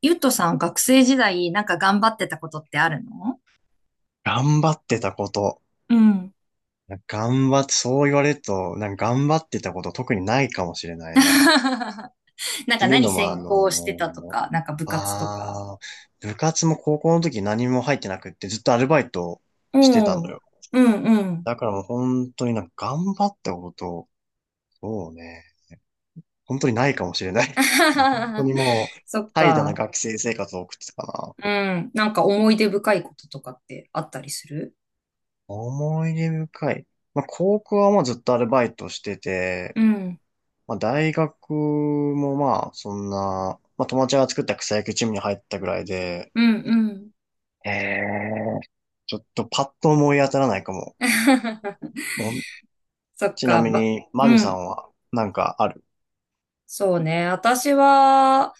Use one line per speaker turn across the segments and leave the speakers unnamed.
ゆっとさん、学生時代、なんか頑張ってたことってあるの？
頑張ってたこと。
うん。
頑張って、そう言われると、なんか頑張ってたこと特にないかもしれな いな。っ
なん
て
か
いう
何
のも、
専攻してたとか、なんか部活とか。
あ部活も高校の時何も入ってなくってずっとアルバイトしてた
お
の
う。
よ。
うんうん。
だからもう本当になんか頑張ったこと、そうね、本当にないかもしれない。もう本当 にもう、
そっ
怠惰な
か。
学生生活を送ってたかな。
うん。なんか思い出深いこととかってあったりする？
思い出深い。まあ、高校はもうずっとアルバイトして
う
て、
ん。
まあ、大学もまあ、そんな、まあ、友達が作った草野球チームに入ったぐらいで、
うん
へえ。ちょっとパッと思い当たらないかも。
うん。
もう、
そっ
ちな
か。
みに、
う
マミさ
ん。
んはなんかある？
そうね。私は、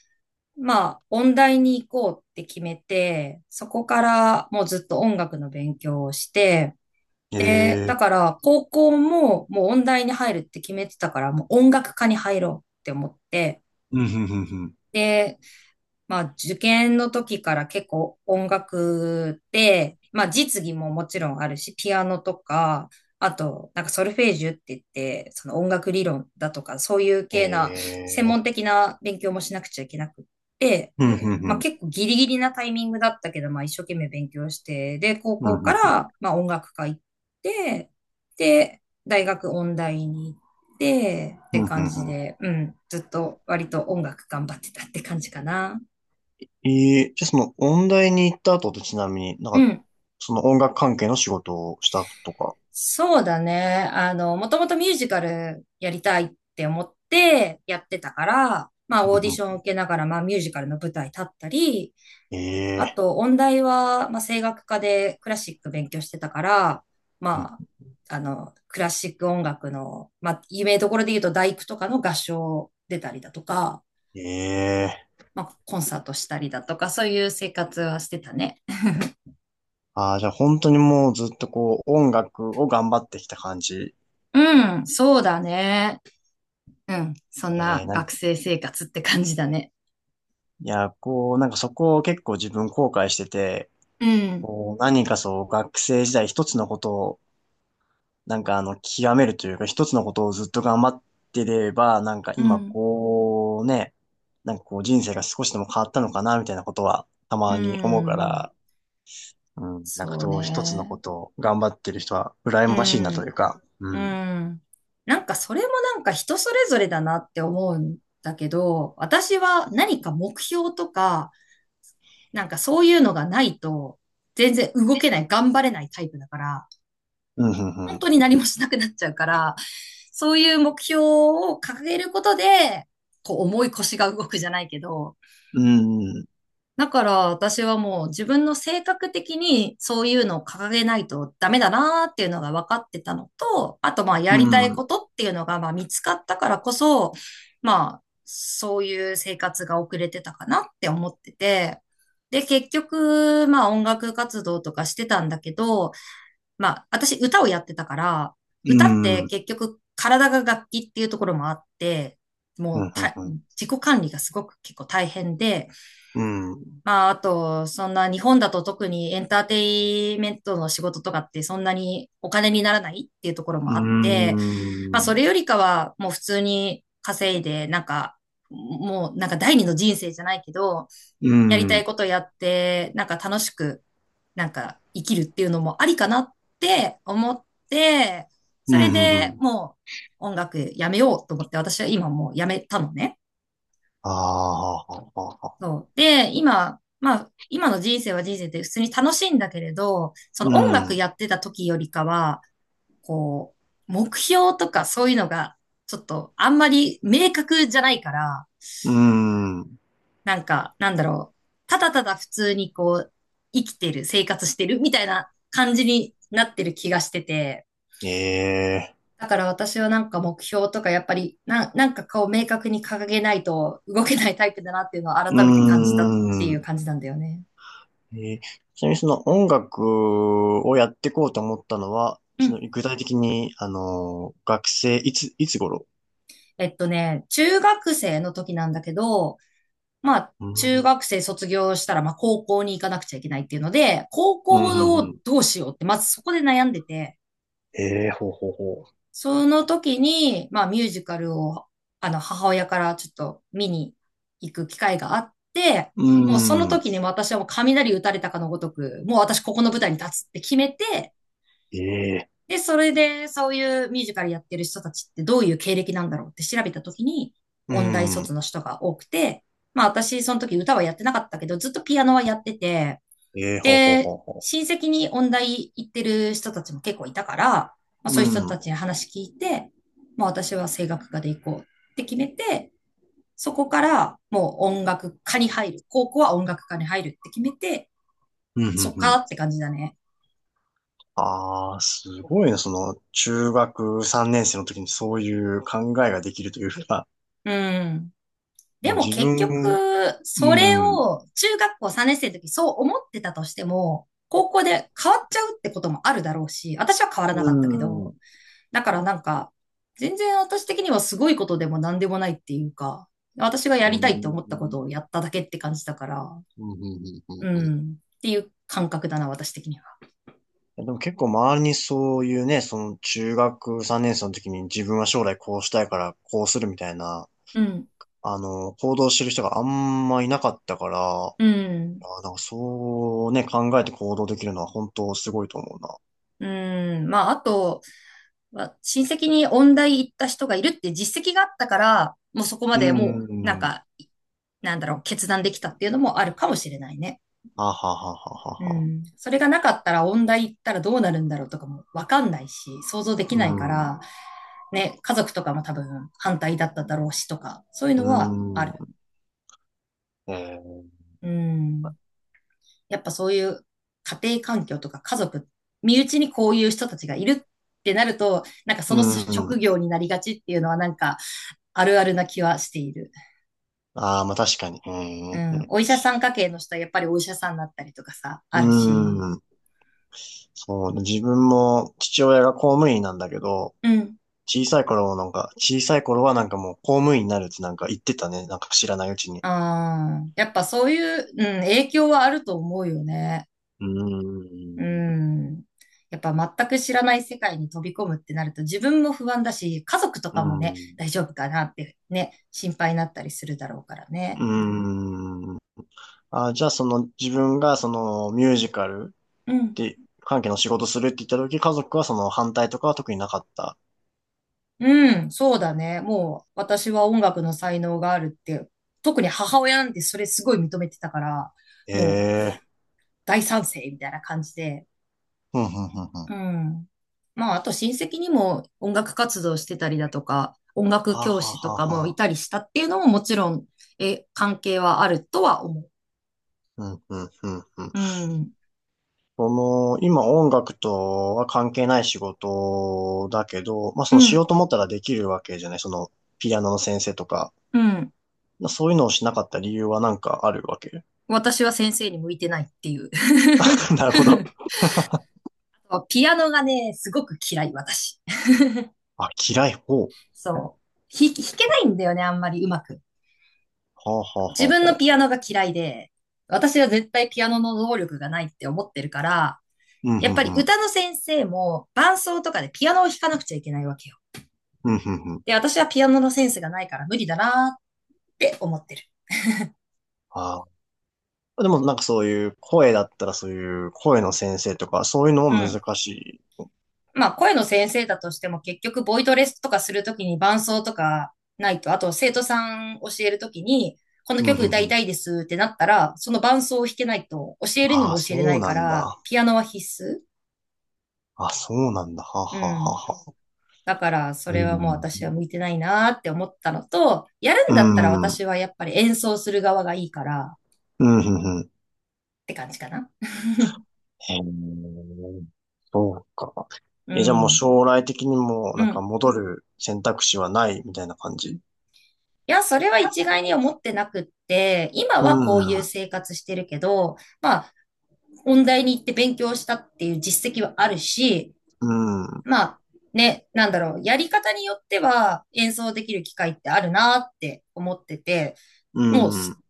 まあ、音大に行こうって決めて、そこからもうずっと音楽の勉強をして、
え
で、だ
え。
から高校ももう音大に入るって決めてたから、もう音楽科に入ろうって思って、
うん、ふんふんふん。
で、まあ、受験の時から結構音楽でまあ、実技ももちろんあるし、ピアノとか、あと、なんかソルフェージュって言って、その音楽理論だとか、そういう系な、専
ええ、
門的な勉強もしなくちゃいけなくって、
うん、ふんふ
まあ、
ん。
結構ギリギリなタイミングだったけど、まあ、一生懸命勉強して、で、高
う
校
ん、ふ
か
んふん。
ら、まあ、音楽科行って、で、大学音大に行って、って
うんふ
感
んふ
じ
ん。
で、うん、ずっと割と音楽頑張ってたって感じかな。
ええ、じゃあその、音大に行った後ってちなみになん
う
か、
ん。
その音楽関係の仕事をしたとか。
そうだね。あの、もともとミュージカルやりたいって思ってやってたから、まあ
う
オー
ん
デ
ふ
ィションを
ん。
受けながら、まあミュージカルの舞台立ったり、あ
ええ。
と音大は、まあ声楽科でクラシック勉強してたから、
うん。
まあ、あの、クラシック音楽の、まあ有名どころで言うと大工とかの合唱出たりだとか、
ええ。
まあコンサートしたりだとか、そういう生活はしてたね。
ああ、じゃあ本当にもうずっとこう音楽を頑張ってきた感じ。
うん、そうだね。うん、そんな
えー、なん
学生生活って感じだね。
いや、こう、なんかそこを結構自分後悔してて、
うん、
こう何かそう学生時代一つのことを、極めるというか一つのことをずっと頑張ってれば、なんか
う
今
ん。
こうね、なんかこう人生が少しでも変わったのかなみたいなことはた
う
まに思うか
ん、
ら、うん、なんか
そう
そう一つのこ
ね。
とを頑張ってる人は羨
う
ましいなと
ん、
いうか、う
う
ん、
ん。なんかそれもなんか人それぞれだなって思うんだけど、私は何か目標とか、なんかそういうのがないと、全然動けない、頑張れないタイプだから、
うん、う
本
ん、
当に何もしなくなっちゃうから、そういう目標を掲げることで、こう重い腰が動くじゃないけど、
うん、
だから私はもう自分の性格的にそういうのを掲げないとダメだなーっていうのが分かってたのと、あとまあや
う
りたい
ん、う
こ
ん。
とっていうのがまあ見つかったからこそ、まあそういう生活が遅れてたかなって思ってて、で結局まあ音楽活動とかしてたんだけど、まあ私歌をやってたから、
う
歌っ
ん。
て
うん、
結局体が楽器っていうところもあって、
う
もうた
ん、
自己管理がすごく結構大変で、
うん。
まあ、あと、そんな日本だと特にエンターテイメントの仕事とかってそんなにお金にならないっていうところ
う
もあって、まあ、そ
ん。
れよりかはもう普通に稼いで、なんか、もうなんか第二の人生じゃないけど、
う
やりたい
ん。
ことやって、なんか楽しく、なんか生きるっていうのもありかなって思って、
う
それ
ん。う
で
ん。
もう音楽やめようと思って私は今もうやめたのね。
ああ、はははは。
そう。で、今、まあ、今の人生は人生で普通に楽しいんだけれど、その音楽や
う
ってた時よりかは、こう、目標とかそういうのが、ちょっとあんまり明確じゃないから、
ん。うん。
なんか、なんだろう、ただただ普通にこう、生きてる、生活してるみたいな感じになってる気がしてて、
ええ。
だから私はなんか目標とかやっぱりな、なんかこう明確に掲げないと動けないタイプだなっていうのを
う
改めて感じたっていう
ん。
感じなんだよね。
えー、ちなみにその音楽をやっていこうと思ったのは、
う
その
ん。
具体的に、あの、学生、いつ頃？
中学生の時なんだけど、まあ、
う
中
ん。
学生卒業したら、まあ、高校に行かなくちゃいけないっていうので、高
う
校
ん。う
を
ん。
どうしようって、まずそこで悩んでて、
ええ、ほうほうほ
その時に、まあ、ミュージカルを、あの、母親からちょっと見に行く機会があって、
う。う
もうその
ん。
時に私はもう雷打たれたかのごとく、もう私ここの舞台に立つって決めて、
ええ。
で、それで、そういうミュージカルやってる人たちってどういう経歴なんだろうって調べたときに、
う
音大卒
ん。
の人が多くて、まあ私、その時歌はやってなかったけど、ずっとピアノはやってて、
ええ、ほうほうほ
で、
うほ
親戚に音大行ってる人たちも結構いたから、まあ
う。
そ
う
ういう人
ん。う
たちに
ん。
話聞いて、まあ私は声楽科で行こうって決めて、そこからもう音楽科に入る。高校は音楽科に入るって決めて、
う
そっか
ん。
って感じだね。
ああ、すごいね。その、中学3年生の時にそういう考えができるというか、
うん。で
もう
も
自
結
分、うん、
局、それ
うん、
を中学校3年生の時そう思ってたとしても、高校で変わっちゃうってこともあるだろうし、私は変わらな
う
かったけ
ん、う
ど、
ん、
だからなんか、全然私的にはすごいことでも何でもないっていうか、私がや
う
りたいって
ん、
思ったことをやっただけって感じだから、
うんうん。
うん、っていう感覚だな、私的には。
でも結構周りにそういうね、その中学3年生の時に自分は将来こうしたいからこうするみたいな、
うん、
行動してる人があんまいなかったから、あ
うん。
ー、なんかそうね、考えて行動できるのは本当すごいと思うな。
うん。まあ、あと、まあ親戚に音大行った人がいるって実績があったから、もうそこま
う
でもう、なん
ん、
か、なんだろう、決断できたっていうのもあるかもしれないね。
ははははは
う
は。
ん。それがなかったら音大行ったらどうなるんだろうとかもわかんないし、想像でき
う
ないか
ん、
ら、ね、家族とかも多分反対だっただろうしとか、そういう
う
のはあ
ー
る。
ん。えー、
うん。やっぱそういう家庭環境とか家族、身内にこういう人たちがいるってなると、なんか
う
その
ー
職業
ん。
になりがちっていうのはなんかあるあるな気はしている。
ああ、まあ確か
う
に。
ん。お医者さん家系の人はやっぱりお医者さんだったりとかさ、
う
あるし。
ん。うん。そうね、自分も父親が公務員なんだけど、
うん。
小さい頃もなんか、小さい頃はなんかもう公務員になるってなんか言ってたね。なんか知らないうちに。
ああ、やっぱそういう、うん、影響はあると思うよね。
う
う
ーん。
ん。やっぱ全く知らない世界に飛び込むってなると自分も不安だし、家族と
うー
かもね、
ん。
大丈夫かなってね、心配になったりするだろうから
う
ね。
ーん。あ、じゃあその自分がそのミュージカル
うん。
で関係の仕事するって言った時、家族はその反対とかは特になかった？
うん、そうだね。もう私は音楽の才能があるって、特に母親なんてそれすごい認めてたから、
え
もう
えー。
大賛成みたいな感じで、
ふんふんふんふん。は
うん。まあ、あと親戚にも音楽活動してたりだとか、音
あ
楽
は
教
あ
師と
はあ
かも
は
い
あ。
たりしたっていうのももちろん、え、関係はあるとは思
うん、うん、うん、うん。
う。うん。
その、今音楽とは関係ない仕事だけど、まあ
う
そのしよ
ん。
うと思ったらできるわけじゃない。その、ピアノの先生とか。
うん。
まあそういうのをしなかった理由はなんかあるわけ？
私は先生に向いてないっていう。
なるほど。
ピアノがね、すごく嫌い、私。
あ、嫌い方。は
そう。弾けないんだよね、あんまりうまく。
あ、はあ、はあ、
自分の
は
ピア
あ。
ノが嫌いで、私は絶対ピアノの能力がないって思ってるから、
うん、う
やっぱり
ん、うん。
歌の先生も伴奏とかでピアノを弾かなくちゃいけないわけよ。
うん、うん、うん。
で、私はピアノのセンスがないから無理だなーって思ってる。
ああ。でもなんかそういう声だったらそういう声の先生とか、そういうの
う
も
ん。
難しい？
まあ、声の先生だとしても結局ボイトレスとかするときに伴奏とかないと、あと生徒さん教えるときに、この
うん、う
曲
ん、
歌
う
いた
ん。
いですってなったら、その伴奏を弾けないと教えるに
ああ、
も教えれな
そう
いか
なん
ら、
だ。
ピアノは必須。
あ、そうなんだ。はあ、
う
はあ、は
ん。
あ、はあ。
だから、そ
う
れはもう私は
ん。
向いてないなーって思ったのと、やるん
う
だったら
ん
私はやっぱり演奏する側がいいからっ
うん、うん、うん。
て感じかな。
へえ、そうか。
う
え、じゃあもう
ん。
将来的にも、
う
なんか
ん。
戻る選択肢はないみたいな感じ？
いや、それは一概に思ってなくって、今
う
はこう
ん、
い
う
う
ん、
生活してるけど、まあ、音大に行って勉強したっていう実績はあるし、まあ、ね、なんだろう、やり方によっては演奏できる機会ってあるなって思ってて、
う
もう
ん、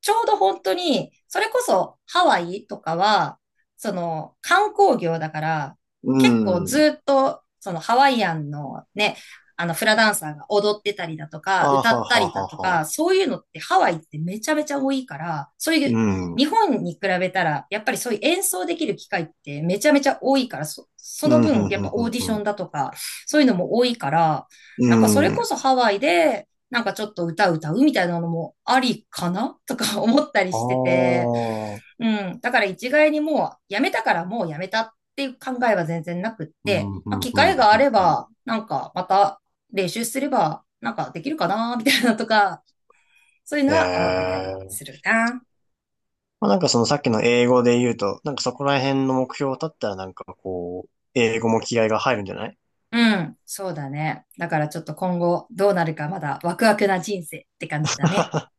ちょうど本当に、それこそハワイとかは、その観光業だから、
う
結構
ん。
ずっと、そのハワイアンのね、あのフラダンサーが踊ってたりだと
あ
か、
は
歌った
は
りだ
は
と
は。
か、そういうのってハワイってめちゃめちゃ多いから、そうい
う
う
ん、うん、
日本に比べたら、やっぱりそういう演奏できる機会ってめちゃめちゃ多いから、そ、そ
う
の
ん、う
分、やっぱオー
ん、
ディ
う
ション
ん。
だとか、そういうのも多いから、
う
なんかそ
ん
れ
う
こ
ん。
そハワイで、なんかちょっと歌歌うみたいなのもありかな とか思ったり
あ
してて、
あ、
うん。だから一概にもうやめたからもうやめたっていう考えは全然なくっ
う
て、
ん、うん、う
まあ、
ん、
機
うん
会があ
うん
れ
うんうん。
ば、なんかまた練習すれば、なんかできるかなみたいなとか、そういう
え
のは思ってたり
え
す
ー。
るな。
まあ、なんかそのさっきの英語で言うと、なんかそこら辺の目標を立ったらなんかこう、英語も気合が入るんじゃない？
うん、そうだね。だからちょっと今後どうなるかまだワクワクな人生って感じだね。